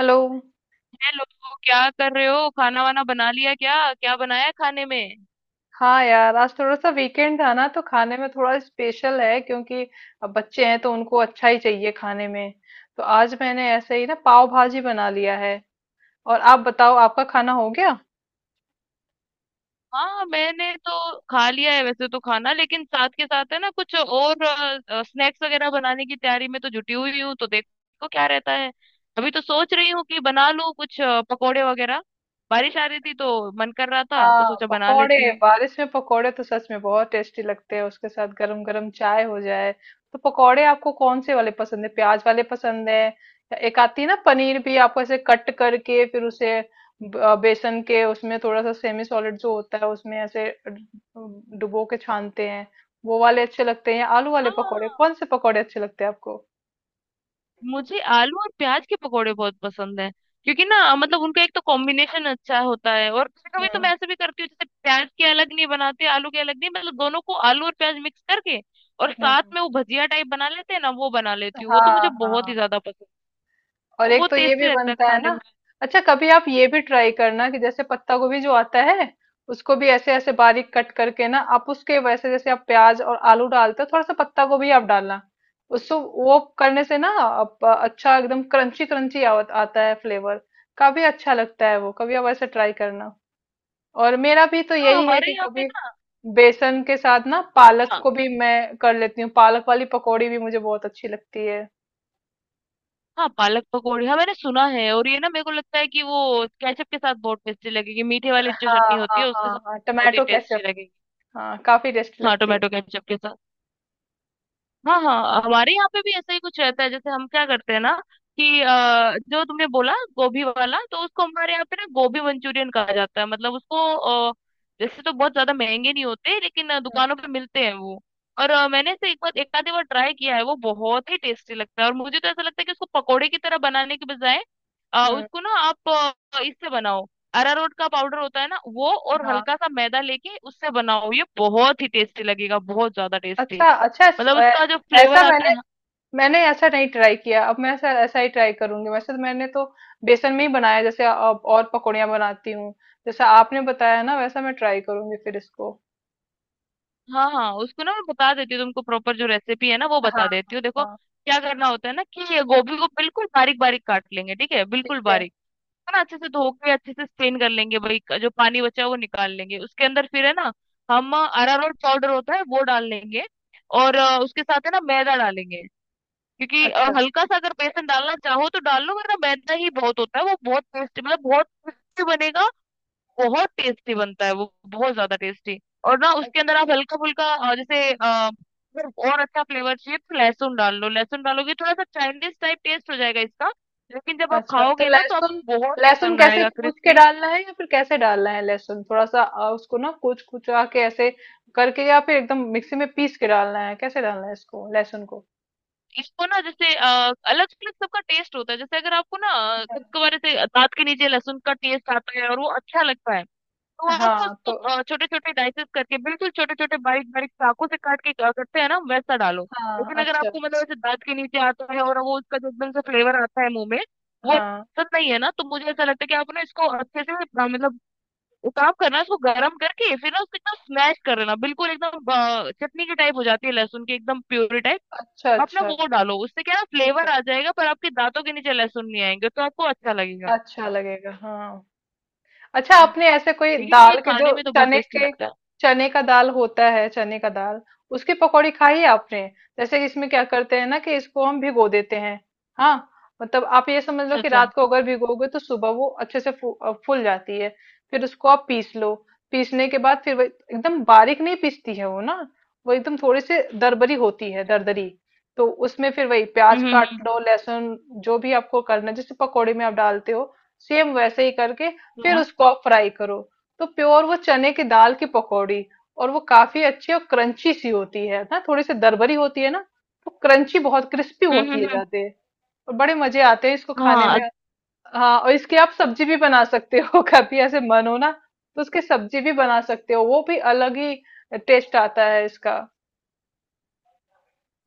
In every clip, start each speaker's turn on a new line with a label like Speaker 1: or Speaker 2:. Speaker 1: Hello.
Speaker 2: Hello. क्या कर रहे हो? खाना वाना बना लिया? क्या क्या बनाया है खाने में?
Speaker 1: हाँ यार, आज थोड़ा सा वीकेंड था ना, तो खाने में थोड़ा स्पेशल है क्योंकि अब बच्चे हैं तो उनको अच्छा ही चाहिए खाने में। तो आज मैंने ऐसे ही ना पाव भाजी बना लिया है। और आप बताओ, आपका खाना हो गया।
Speaker 2: हाँ, मैंने तो खा लिया है वैसे तो खाना, लेकिन साथ के साथ है ना कुछ और स्नैक्स वगैरह बनाने की तैयारी में तो जुटी हुई हूँ। तो देखो क्या रहता है। अभी तो सोच रही हूँ कि बना लूँ कुछ पकोड़े वगैरह। बारिश आ रही थी तो मन कर रहा था, तो
Speaker 1: हाँ,
Speaker 2: सोचा बना
Speaker 1: पकोड़े,
Speaker 2: लेती हूँ।
Speaker 1: बारिश में पकोड़े तो सच में बहुत टेस्टी लगते हैं, उसके साथ गरम गरम चाय हो जाए। तो पकोड़े आपको कौन से वाले पसंद है, प्याज वाले पसंद है या एक आती है ना पनीर भी, आपको ऐसे कट करके फिर उसे बेसन के, उसमें थोड़ा सा सेमी सॉलिड जो होता है उसमें ऐसे डुबो के छानते हैं, वो वाले अच्छे लगते हैं या आलू वाले पकोड़े,
Speaker 2: हाँ,
Speaker 1: कौन से पकोड़े अच्छे लगते हैं आपको।
Speaker 2: मुझे आलू और प्याज के पकोड़े बहुत पसंद है क्योंकि ना मतलब उनका एक तो कॉम्बिनेशन अच्छा होता है। और कभी कभी तो मैं
Speaker 1: हम्म।
Speaker 2: ऐसे भी करती हूँ, जैसे प्याज के अलग नहीं बनाते, आलू के अलग नहीं, मतलब दोनों को आलू और प्याज मिक्स करके और साथ
Speaker 1: हम्म।
Speaker 2: में वो भजिया टाइप बना लेते हैं ना, वो बना लेती हूँ। वो तो
Speaker 1: हाँ
Speaker 2: मुझे बहुत
Speaker 1: हाँ।
Speaker 2: ही ज्यादा पसंद है।
Speaker 1: और
Speaker 2: वो
Speaker 1: एक
Speaker 2: बहुत
Speaker 1: तो ये
Speaker 2: टेस्टी
Speaker 1: भी
Speaker 2: लगता है
Speaker 1: बनता है
Speaker 2: खाने में।
Speaker 1: ना। अच्छा, कभी आप ये भी ट्राई करना कि जैसे पत्ता गोभी जो आता है उसको भी ऐसे ऐसे बारीक कट करके ना आप, उसके वैसे जैसे आप प्याज और आलू डालते हो, थोड़ा सा पत्ता गोभी आप डालना। उसको वो करने से ना आप, अच्छा एकदम क्रंची क्रंची आता है फ्लेवर, काफी अच्छा लगता है वो, कभी आप ऐसे ट्राई करना। और मेरा भी तो
Speaker 2: हाँ,
Speaker 1: यही है
Speaker 2: हमारे
Speaker 1: कि
Speaker 2: यहाँ पे
Speaker 1: कभी
Speaker 2: ना।
Speaker 1: बेसन के साथ ना पालक
Speaker 2: हाँ
Speaker 1: को भी मैं कर लेती हूँ, पालक वाली पकौड़ी भी मुझे बहुत अच्छी लगती है।
Speaker 2: हाँ, पालक पकौड़ी, हाँ मैंने सुना है। और ये ना मेरे को लगता है कि वो केचप के साथ बहुत टेस्टी लगेगी। मीठे वाली जो
Speaker 1: हाँ
Speaker 2: चटनी होती
Speaker 1: हाँ।
Speaker 2: है उसके
Speaker 1: हाँ
Speaker 2: साथ
Speaker 1: हाँ,
Speaker 2: बहुत ही
Speaker 1: टमाटो
Speaker 2: टेस्टी
Speaker 1: केचप।
Speaker 2: लगेगी।
Speaker 1: हाँ, काफी टेस्टी
Speaker 2: हाँ,
Speaker 1: लगती है।
Speaker 2: टोमेटो केचप के साथ। हाँ हाँ, हमारे यहाँ पे भी ऐसा ही कुछ रहता है। जैसे हम क्या करते हैं ना कि जो तुमने बोला गोभी वाला, तो उसको हमारे यहाँ पे ना गोभी मंचूरियन कहा जाता है। मतलब उसको जैसे तो बहुत ज्यादा महंगे नहीं होते, लेकिन
Speaker 1: हम्म।
Speaker 2: दुकानों पे मिलते हैं वो। और मैंने इसे एक बार एक आधी बार ट्राई किया है, वो बहुत ही टेस्टी लगता है। और मुझे तो ऐसा लगता है कि उसको पकोड़े की तरह बनाने के बजाय
Speaker 1: हम्म,
Speaker 2: उसको ना आप इससे बनाओ। अरारोट का पाउडर होता है ना वो, और
Speaker 1: हाँ।
Speaker 2: हल्का सा मैदा लेके उससे बनाओ, ये बहुत ही टेस्टी लगेगा, बहुत ज्यादा टेस्टी।
Speaker 1: अच्छा अच्छा।
Speaker 2: मतलब
Speaker 1: ऐ-
Speaker 2: उसका जो
Speaker 1: ऐसा
Speaker 2: फ्लेवर आता
Speaker 1: मैंने
Speaker 2: है।
Speaker 1: मैंने ऐसा नहीं ट्राई किया। अब मैं ऐसा, ऐसा ही ट्राई करूंगी। वैसे तो मैंने तो बेसन में ही बनाया, जैसे अब और पकौड़ियाँ बनाती हूँ। जैसा आपने बताया ना वैसा मैं ट्राई करूंगी फिर इसको।
Speaker 2: हाँ हाँ, उसको ना मैं बता देती हूँ तुमको, प्रॉपर जो रेसिपी है ना वो
Speaker 1: हाँ
Speaker 2: बता
Speaker 1: हाँ
Speaker 2: देती हूँ। देखो
Speaker 1: हाँ,
Speaker 2: क्या करना होता है ना, कि ये गोभी को बिल्कुल बारीक बारीक काट लेंगे, ठीक है,
Speaker 1: ठीक
Speaker 2: बिल्कुल
Speaker 1: है।
Speaker 2: बारीक। है ना, अच्छे से धो के अच्छे से स्ट्रेन कर लेंगे भाई, जो पानी बचा है वो निकाल लेंगे। उसके अंदर फिर है ना हम अरारोट पाउडर होता है वो डाल लेंगे। और उसके साथ है ना मैदा डालेंगे। क्योंकि
Speaker 1: अच्छा।
Speaker 2: हल्का सा अगर बेसन डालना चाहो तो डाल लो, वरना मैदा ही बहुत होता है। वो बहुत टेस्ट, मतलब बहुत टेस्टी बनेगा। बहुत टेस्टी बनता है वो, बहुत ज्यादा टेस्टी। और ना
Speaker 1: अ-
Speaker 2: उसके अंदर आप हल्का फुल्का जैसे अगर और अच्छा फ्लेवर चाहिए तो लहसुन डाल लो। लहसुन डालोगे थोड़ा सा चाइनीज टाइप टेस्ट हो जाएगा इसका। लेकिन जब आप
Speaker 1: अच्छा, तो
Speaker 2: खाओगे ना तो
Speaker 1: लहसुन,
Speaker 2: आपको बहुत
Speaker 1: लहसुन
Speaker 2: पसंद
Speaker 1: कैसे
Speaker 2: आएगा,
Speaker 1: कूच के
Speaker 2: क्रिस्पी।
Speaker 1: डालना है या फिर कैसे डालना है लहसुन, थोड़ा सा उसको ना कूच कुचा के ऐसे करके, या फिर एकदम मिक्सी में पीस के डालना है, कैसे डालना है इसको लहसुन को।
Speaker 2: इसको ना, जैसे अलग अलग सबका टेस्ट होता है। जैसे अगर आपको ना कभी कभार ऐसे दांत के नीचे लहसुन का टेस्ट आता है और वो अच्छा लगता है, हाँ, तो आप
Speaker 1: हाँ तो।
Speaker 2: उसको छोटे छोटे डाइसेस करके, बिल्कुल छोटे छोटे बारीक बारीक चाकू से काट के क्या करते हैं ना, वैसा डालो।
Speaker 1: हाँ,
Speaker 2: लेकिन अगर
Speaker 1: अच्छा।
Speaker 2: आपको मतलब ऐसे दांत के नीचे आता है और वो उसका जो एकदम से फ्लेवर आता है मुंह में, वो
Speaker 1: हाँ।
Speaker 2: पसंद नहीं है ना, तो मुझे ऐसा लगता है कि आप ना इसको अच्छे से मतलब एक काम करना, इसको गर्म करके फिर ना उसको एकदम स्मैश कर लेना, बिल्कुल एकदम चटनी की टाइप हो जाती है लहसुन की, एकदम प्यूरी टाइप।
Speaker 1: अच्छा
Speaker 2: आप ना
Speaker 1: अच्छा।
Speaker 2: वो
Speaker 1: हाँ,
Speaker 2: डालो, उससे क्या है ना
Speaker 1: ठीक
Speaker 2: फ्लेवर
Speaker 1: है।
Speaker 2: आ जाएगा, पर आपके दांतों के नीचे लहसुन नहीं आएंगे तो आपको अच्छा लगेगा।
Speaker 1: अच्छा लगेगा, हाँ। अच्छा,
Speaker 2: हम्म,
Speaker 1: आपने ऐसे कोई
Speaker 2: लेकिन ये
Speaker 1: दाल के, जो
Speaker 2: खाने में तो बहुत
Speaker 1: चने
Speaker 2: टेस्टी
Speaker 1: के,
Speaker 2: लगता है।
Speaker 1: चने का दाल होता है, चने का दाल, उसकी पकौड़ी खाई है आपने। जैसे इसमें क्या करते हैं ना कि इसको हम भिगो देते हैं। हाँ, मतलब आप ये समझ लो
Speaker 2: अच्छा
Speaker 1: कि
Speaker 2: अच्छा।
Speaker 1: रात को अगर भिगोगे तो सुबह वो अच्छे से फूल जाती है। फिर उसको आप पीस लो। पीसने के बाद फिर वो एकदम बारीक नहीं पीसती है वो ना, वो एकदम थोड़ी सी दरबरी होती है, दरदरी। तो उसमें फिर वही प्याज
Speaker 2: हम्म हम्म
Speaker 1: काट
Speaker 2: हम्म।
Speaker 1: लो, लहसुन, जो भी आपको करना है, जैसे पकौड़े में आप डालते हो, सेम वैसे ही करके फिर
Speaker 2: हाँ।
Speaker 1: उसको आप फ्राई करो। तो प्योर वो चने की दाल की पकौड़ी, और वो काफी अच्छी और क्रंची सी होती है ना, थोड़ी सी दरबरी होती है ना, तो क्रंची बहुत क्रिस्पी
Speaker 2: हम्म
Speaker 1: होती
Speaker 2: हम्म,
Speaker 1: है,
Speaker 2: हम्म,
Speaker 1: जाते हैं। और बड़े मजे आते हैं इसको खाने
Speaker 2: हाँ।
Speaker 1: में। हाँ, और इसकी आप सब्जी भी बना सकते हो कभी ऐसे मन हो ना, तो उसकी सब्जी भी बना सकते हो, वो भी अलग ही टेस्ट आता है इसका।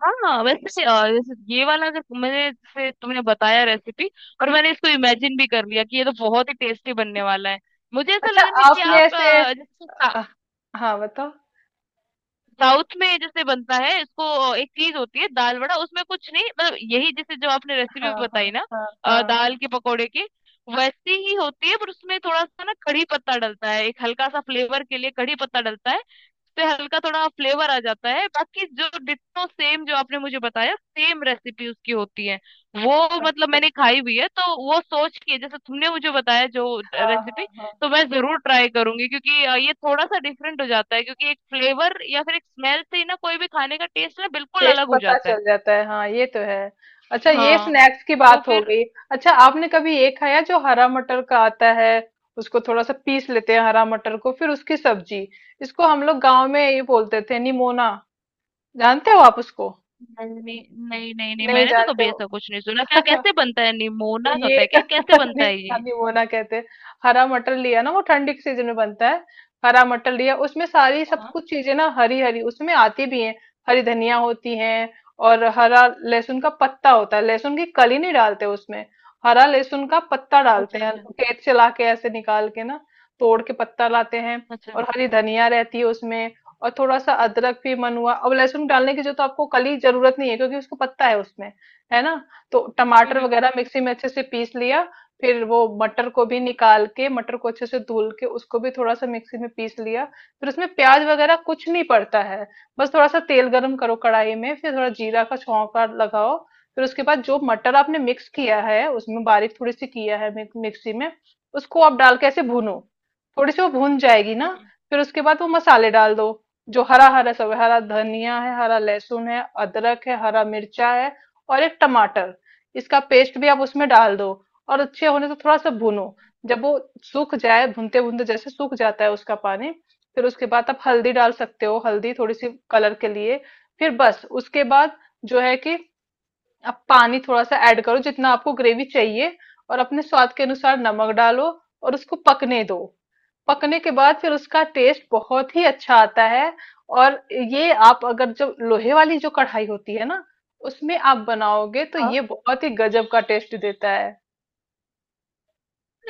Speaker 2: हाँ, वैसे से, जैसे ये वाला, अगर मैंने जैसे तुमने बताया रेसिपी, और मैंने इसको इमेजिन भी कर लिया कि ये तो बहुत ही टेस्टी बनने वाला है। मुझे ऐसा
Speaker 1: अच्छा,
Speaker 2: लग रहा है कि
Speaker 1: आपने
Speaker 2: आप
Speaker 1: ऐसे।
Speaker 2: जैसे
Speaker 1: हाँ हाँ, बताओ।
Speaker 2: साउथ में जैसे बनता है, इसको एक चीज होती है दाल बड़ा, उसमें कुछ नहीं मतलब यही जैसे जो आपने रेसिपी
Speaker 1: हाँ
Speaker 2: बताई
Speaker 1: हाँ
Speaker 2: ना,
Speaker 1: हाँ हाँ।
Speaker 2: दाल के पकौड़े की, वैसी ही होती है। पर उसमें थोड़ा सा ना कढ़ी पत्ता डलता है, एक हल्का सा फ्लेवर के लिए कढ़ी पत्ता डलता है, उससे हल्का थोड़ा फ्लेवर आ जाता है, बाकी जो डिट्टो सेम जो आपने मुझे बताया सेम रेसिपी उसकी होती है। वो मतलब
Speaker 1: अच्छा।
Speaker 2: मैंने खाई हुई है, तो वो सोच के जैसे तुमने मुझे बताया जो
Speaker 1: हाँ
Speaker 2: रेसिपी,
Speaker 1: हाँ हाँ,
Speaker 2: तो मैं जरूर ट्राई करूंगी। क्योंकि ये थोड़ा सा डिफरेंट हो जाता है, क्योंकि एक फ्लेवर या फिर एक स्मेल से ही ना कोई भी खाने का टेस्ट ना बिल्कुल
Speaker 1: टेस्ट
Speaker 2: अलग हो
Speaker 1: पता
Speaker 2: जाता है।
Speaker 1: चल जाता है, हाँ, ये तो है। अच्छा, ये
Speaker 2: हाँ,
Speaker 1: स्नैक्स की
Speaker 2: तो
Speaker 1: बात हो
Speaker 2: फिर।
Speaker 1: गई। अच्छा, आपने कभी ये खाया जो हरा मटर का आता है, उसको थोड़ा सा पीस लेते हैं हरा मटर को, फिर उसकी सब्जी, इसको हम लोग गांव में ये बोलते थे निमोना, जानते हो आप उसको।
Speaker 2: नहीं नहीं, नहीं नहीं
Speaker 1: नहीं
Speaker 2: मैंने तो
Speaker 1: जानते
Speaker 2: कभी
Speaker 1: हो।
Speaker 2: ऐसा कुछ नहीं सुना। क्या, कैसे बनता है?
Speaker 1: तो
Speaker 2: निमोना
Speaker 1: ये
Speaker 2: होता है क्या, कैसे बनता
Speaker 1: नहीं
Speaker 2: है ये?
Speaker 1: नहीं, वो ना कहते हैं। हरा मटर लिया ना, वो ठंडी के सीजन में बनता है। हरा मटर लिया, उसमें सारी सब
Speaker 2: हाँ।
Speaker 1: कुछ चीजें ना हरी हरी उसमें आती भी हैं। हरी धनिया होती है, और हरा लहसुन का पत्ता होता है, लहसुन की कली नहीं डालते उसमें, हरा लहसुन का पत्ता
Speaker 2: अच्छा
Speaker 1: डालते हैं।
Speaker 2: अच्छा
Speaker 1: खेत से लाके ऐसे निकाल के ना, तोड़ के पत्ता लाते हैं।
Speaker 2: अच्छा।
Speaker 1: और हरी धनिया रहती है उसमें। और थोड़ा सा अदरक, भी मन हुआ अब। लहसुन डालने की जो, तो आपको कली जरूरत नहीं है, क्योंकि उसको पत्ता है उसमें, है ना। तो
Speaker 2: हम्म
Speaker 1: टमाटर
Speaker 2: हम्म, हम्म।
Speaker 1: वगैरह मिक्सी में अच्छे से पीस लिया। फिर वो मटर को भी निकाल के, मटर को अच्छे से धुल के, उसको भी थोड़ा सा मिक्सी में पीस लिया। फिर उसमें प्याज वगैरह कुछ नहीं पड़ता है। बस थोड़ा सा तेल गरम करो कढ़ाई में, फिर थोड़ा जीरा का छौंका लगाओ, फिर उसके बाद जो मटर आपने मिक्स किया है, उसमें बारीक थोड़ी सी किया है मिक्सी में, उसको आप डाल के ऐसे भूनो। थोड़ी सी वो भून जाएगी ना,
Speaker 2: हम्म,
Speaker 1: फिर उसके बाद वो मसाले डाल दो, जो हरा हरा सब, हरा धनिया है, हरा लहसुन है, अदरक है, हरा मिर्चा है, और एक टमाटर, इसका पेस्ट भी आप उसमें डाल दो। और अच्छे होने से थोड़ा सा भूनो। जब वो सूख जाए, भूनते भूनते जैसे सूख जाता है उसका पानी, फिर उसके बाद आप हल्दी डाल सकते हो, हल्दी थोड़ी सी कलर के लिए। फिर बस उसके बाद जो है कि आप पानी थोड़ा सा ऐड करो, जितना आपको ग्रेवी चाहिए, और अपने स्वाद के अनुसार नमक डालो, और उसको पकने दो। पकने के बाद फिर उसका टेस्ट बहुत ही अच्छा आता है। और ये आप अगर जो लोहे वाली जो कढ़ाई होती है ना, उसमें आप बनाओगे तो
Speaker 2: हाँ,
Speaker 1: ये बहुत ही गजब का टेस्ट देता है।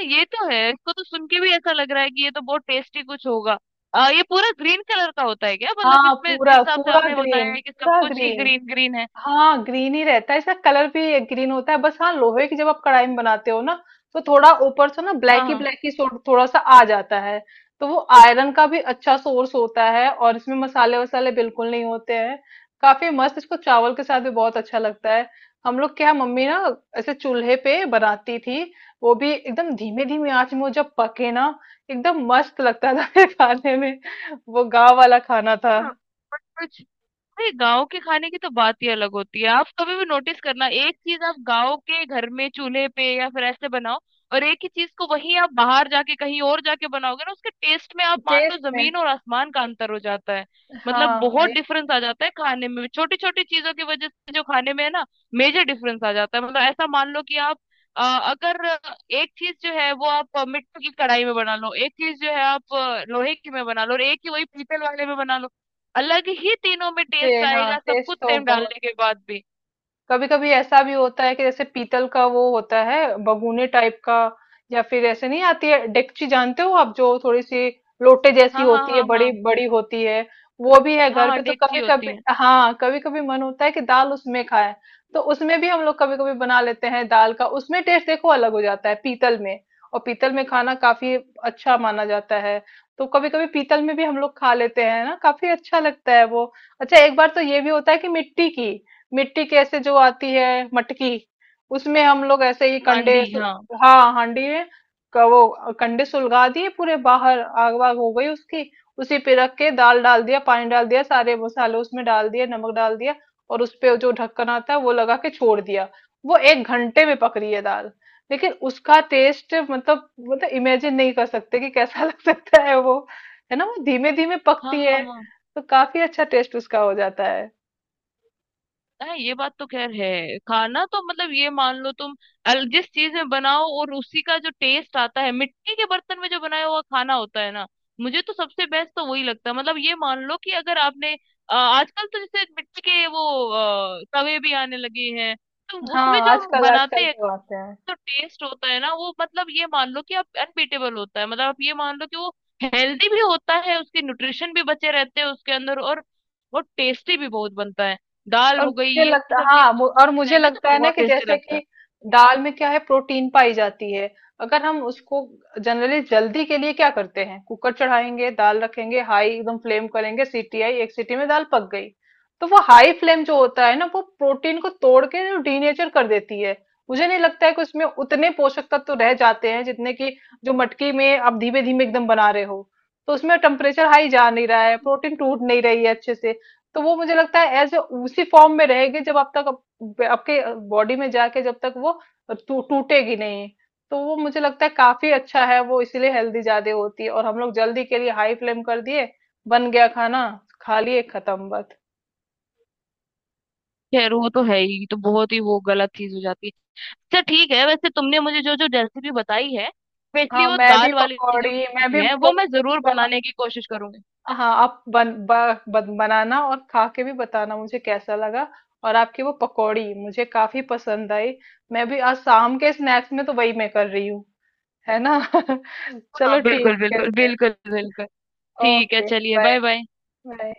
Speaker 2: ये तो है। इसको तो सुन के भी ऐसा लग रहा है कि ये तो बहुत टेस्टी कुछ होगा। आ, ये पूरा ग्रीन कलर का होता है क्या? मतलब
Speaker 1: हाँ
Speaker 2: इसमें
Speaker 1: पूरा,
Speaker 2: जिस हिसाब से
Speaker 1: पूरा
Speaker 2: आपने बताया
Speaker 1: ग्रीन,
Speaker 2: है कि सब
Speaker 1: पूरा
Speaker 2: कुछ ही
Speaker 1: ग्रीन,
Speaker 2: ग्रीन ग्रीन है।
Speaker 1: हाँ ग्रीन ही रहता है, इसका कलर भी ग्रीन होता है। बस हाँ, लोहे की जब आप कढ़ाई में बनाते हो ना, तो थोड़ा ऊपर से ना
Speaker 2: हाँ।
Speaker 1: ब्लैक ही थोड़ा सा आ जाता है। तो वो आयरन का भी अच्छा सोर्स होता है, और इसमें मसाले वसाले बिल्कुल नहीं होते हैं। काफी मस्त, इसको चावल के साथ भी बहुत अच्छा लगता है। हम लोग क्या, मम्मी ना ऐसे चूल्हे पे बनाती थी, वो भी एकदम धीमे धीमे आंच में वो जब पके ना, एकदम मस्त लगता था खाने में। वो गाँव वाला खाना था।
Speaker 2: हाँ हाँ, अरे गाँव के खाने की तो बात ही अलग होती है। आप कभी भी नोटिस करना एक चीज, आप गाँव के घर में चूल्हे पे या फिर ऐसे बनाओ, और एक ही चीज को वही आप बाहर जाके कहीं और जाके बनाओगे ना, उसके टेस्ट में आप मान लो
Speaker 1: टेस्ट में,
Speaker 2: जमीन और आसमान का अंतर हो जाता है। मतलब
Speaker 1: हाँ,
Speaker 2: बहुत डिफरेंस आ जाता है खाने में, छोटी छोटी चीजों की वजह से जो खाने में है ना, मेजर डिफरेंस आ जाता है। मतलब ऐसा मान लो कि आप अ, अगर एक चीज जो है वो आप मिट्टी की कढ़ाई में बना लो, एक चीज जो है आप लोहे की में बना लो, और एक ही वही पीतल वाले में बना लो, अलग ही तीनों में
Speaker 1: जी
Speaker 2: टेस्ट
Speaker 1: हाँ,
Speaker 2: आएगा सब
Speaker 1: टेस्ट
Speaker 2: कुछ
Speaker 1: तो
Speaker 2: सेम
Speaker 1: बहुत।
Speaker 2: डालने के बाद भी।
Speaker 1: कभी कभी ऐसा भी होता है कि जैसे पीतल का वो होता है, बगुने टाइप का, या फिर ऐसे नहीं आती है डेकची, जानते हो आप, जो थोड़ी सी लोटे जैसी
Speaker 2: हाँ हाँ
Speaker 1: होती है,
Speaker 2: हाँ हाँ।
Speaker 1: बड़ी बड़ी होती है। वो भी है
Speaker 2: हाँ
Speaker 1: घर
Speaker 2: हाँ,
Speaker 1: पे, तो
Speaker 2: डेगची
Speaker 1: कभी
Speaker 2: होती
Speaker 1: कभी,
Speaker 2: है।
Speaker 1: हाँ, कभी कभी मन होता है कि दाल उसमें खाएं। तो उसमें भी हम लोग कभी कभी बना लेते हैं दाल का, उसमें टेस्ट देखो अलग हो जाता है, पीतल में। और पीतल में खाना काफी अच्छा माना जाता है, तो कभी कभी पीतल में भी हम लोग खा लेते हैं ना, काफी अच्छा लगता है वो। अच्छा एक बार तो ये भी होता है कि मिट्टी की, मिट्टी कैसे जो आती है मटकी, उसमें हम लोग ऐसे ही
Speaker 2: हांडी, हाँ
Speaker 1: हाँ, हांडी में, वो कंडे सुलगा दिए पूरे, बाहर आग वाग हो गई उसकी, उसी पे रख के दाल डाल दिया, पानी डाल दिया, सारे मसाले उसमें डाल दिए, नमक डाल दिया, और उस पे जो ढक्कन आता है वो लगा के छोड़ दिया। वो एक घंटे में पक रही है दाल। लेकिन उसका टेस्ट, मतलब इमेजिन नहीं कर सकते कि कैसा लग सकता है वो, है ना, वो धीमे धीमे
Speaker 2: हाँ
Speaker 1: पकती
Speaker 2: हाँ
Speaker 1: है।
Speaker 2: हाँ।
Speaker 1: तो काफी अच्छा टेस्ट उसका हो जाता है।
Speaker 2: हाँ, ये बात तो खैर है। खाना तो मतलब ये मान लो तुम अल जिस चीज में बनाओ, और उसी का जो टेस्ट आता है मिट्टी के बर्तन में जो बनाया हुआ खाना होता है ना, मुझे तो सबसे बेस्ट तो वही लगता है। मतलब ये मान लो कि अगर आपने आजकल तो जैसे मिट्टी के वो तवे भी आने लगे हैं, तो उसमें
Speaker 1: हाँ,
Speaker 2: जो हम
Speaker 1: आजकल,
Speaker 2: बनाते
Speaker 1: आजकल
Speaker 2: हैं
Speaker 1: तो आते हैं।
Speaker 2: जो टेस्ट होता है ना, वो मतलब ये मान लो कि आप अनबीटेबल होता है। मतलब आप ये मान लो कि वो हेल्दी भी होता है, उसके न्यूट्रिशन भी बचे रहते हैं उसके अंदर, और वो टेस्टी भी बहुत बनता है। दाल
Speaker 1: और
Speaker 2: हो गई
Speaker 1: मुझे
Speaker 2: ये
Speaker 1: लगता
Speaker 2: सब
Speaker 1: हाँ
Speaker 2: चीजें
Speaker 1: मु, और मुझे
Speaker 2: खाएंगे तो
Speaker 1: लगता है ना
Speaker 2: बहुत
Speaker 1: कि
Speaker 2: टेस्टी
Speaker 1: जैसे
Speaker 2: लगता
Speaker 1: कि
Speaker 2: है।
Speaker 1: दाल में क्या है, प्रोटीन पाई जाती है। अगर हम उसको जनरली जल्दी के लिए क्या करते हैं, कुकर चढ़ाएंगे, दाल रखेंगे, हाई एकदम फ्लेम करेंगे, सीटी आई, एक सीटी में दाल पक गई। तो वो हाई फ्लेम जो होता है ना, वो प्रोटीन को तोड़ के डीनेचर कर देती है। मुझे नहीं लगता है कि उसमें उतने पोषक तत्व तो रह जाते हैं जितने कि जो मटकी में आप धीमे धीमे एकदम बना रहे हो। तो उसमें टेम्परेचर हाई जा नहीं रहा है, प्रोटीन टूट नहीं रही है अच्छे से, तो वो मुझे लगता है एज उसी फॉर्म में रहेगी, जब आप तक, आपके बॉडी में जाके जब तक वो टूटेगी नहीं। तो वो मुझे लगता है काफी अच्छा है वो, इसीलिए हेल्दी ज्यादा होती है। और हम लोग जल्दी के लिए हाई फ्लेम कर दिए, बन गया खाना, खा लिए, खत्म बात।
Speaker 2: खैर, वो तो है ही, तो बहुत ही वो गलत चीज हो जाती है। अच्छा ठीक है, वैसे तुमने मुझे जो जो रेसिपी बताई है, स्पेशली
Speaker 1: हाँ,
Speaker 2: वो
Speaker 1: मैं भी
Speaker 2: दाल वाली जो
Speaker 1: पकौड़ी, मैं
Speaker 2: रेसिपी
Speaker 1: भी
Speaker 2: है,
Speaker 1: पो,
Speaker 2: वो मैं जरूर
Speaker 1: पो,
Speaker 2: बनाने की कोशिश करूंगी।
Speaker 1: हाँ, आप बनाना, और खा के भी बताना मुझे कैसा लगा। और आपकी वो पकौड़ी मुझे काफी पसंद आई, मैं भी आज शाम के स्नैक्स में तो वही मैं कर रही हूँ, है ना।
Speaker 2: हाँ
Speaker 1: चलो
Speaker 2: बिल्कुल
Speaker 1: ठीक
Speaker 2: बिल्कुल
Speaker 1: है।
Speaker 2: बिल्कुल बिल्कुल। ठीक है,
Speaker 1: ओके,
Speaker 2: चलिए,
Speaker 1: बाय।
Speaker 2: Bye bye.
Speaker 1: बाय।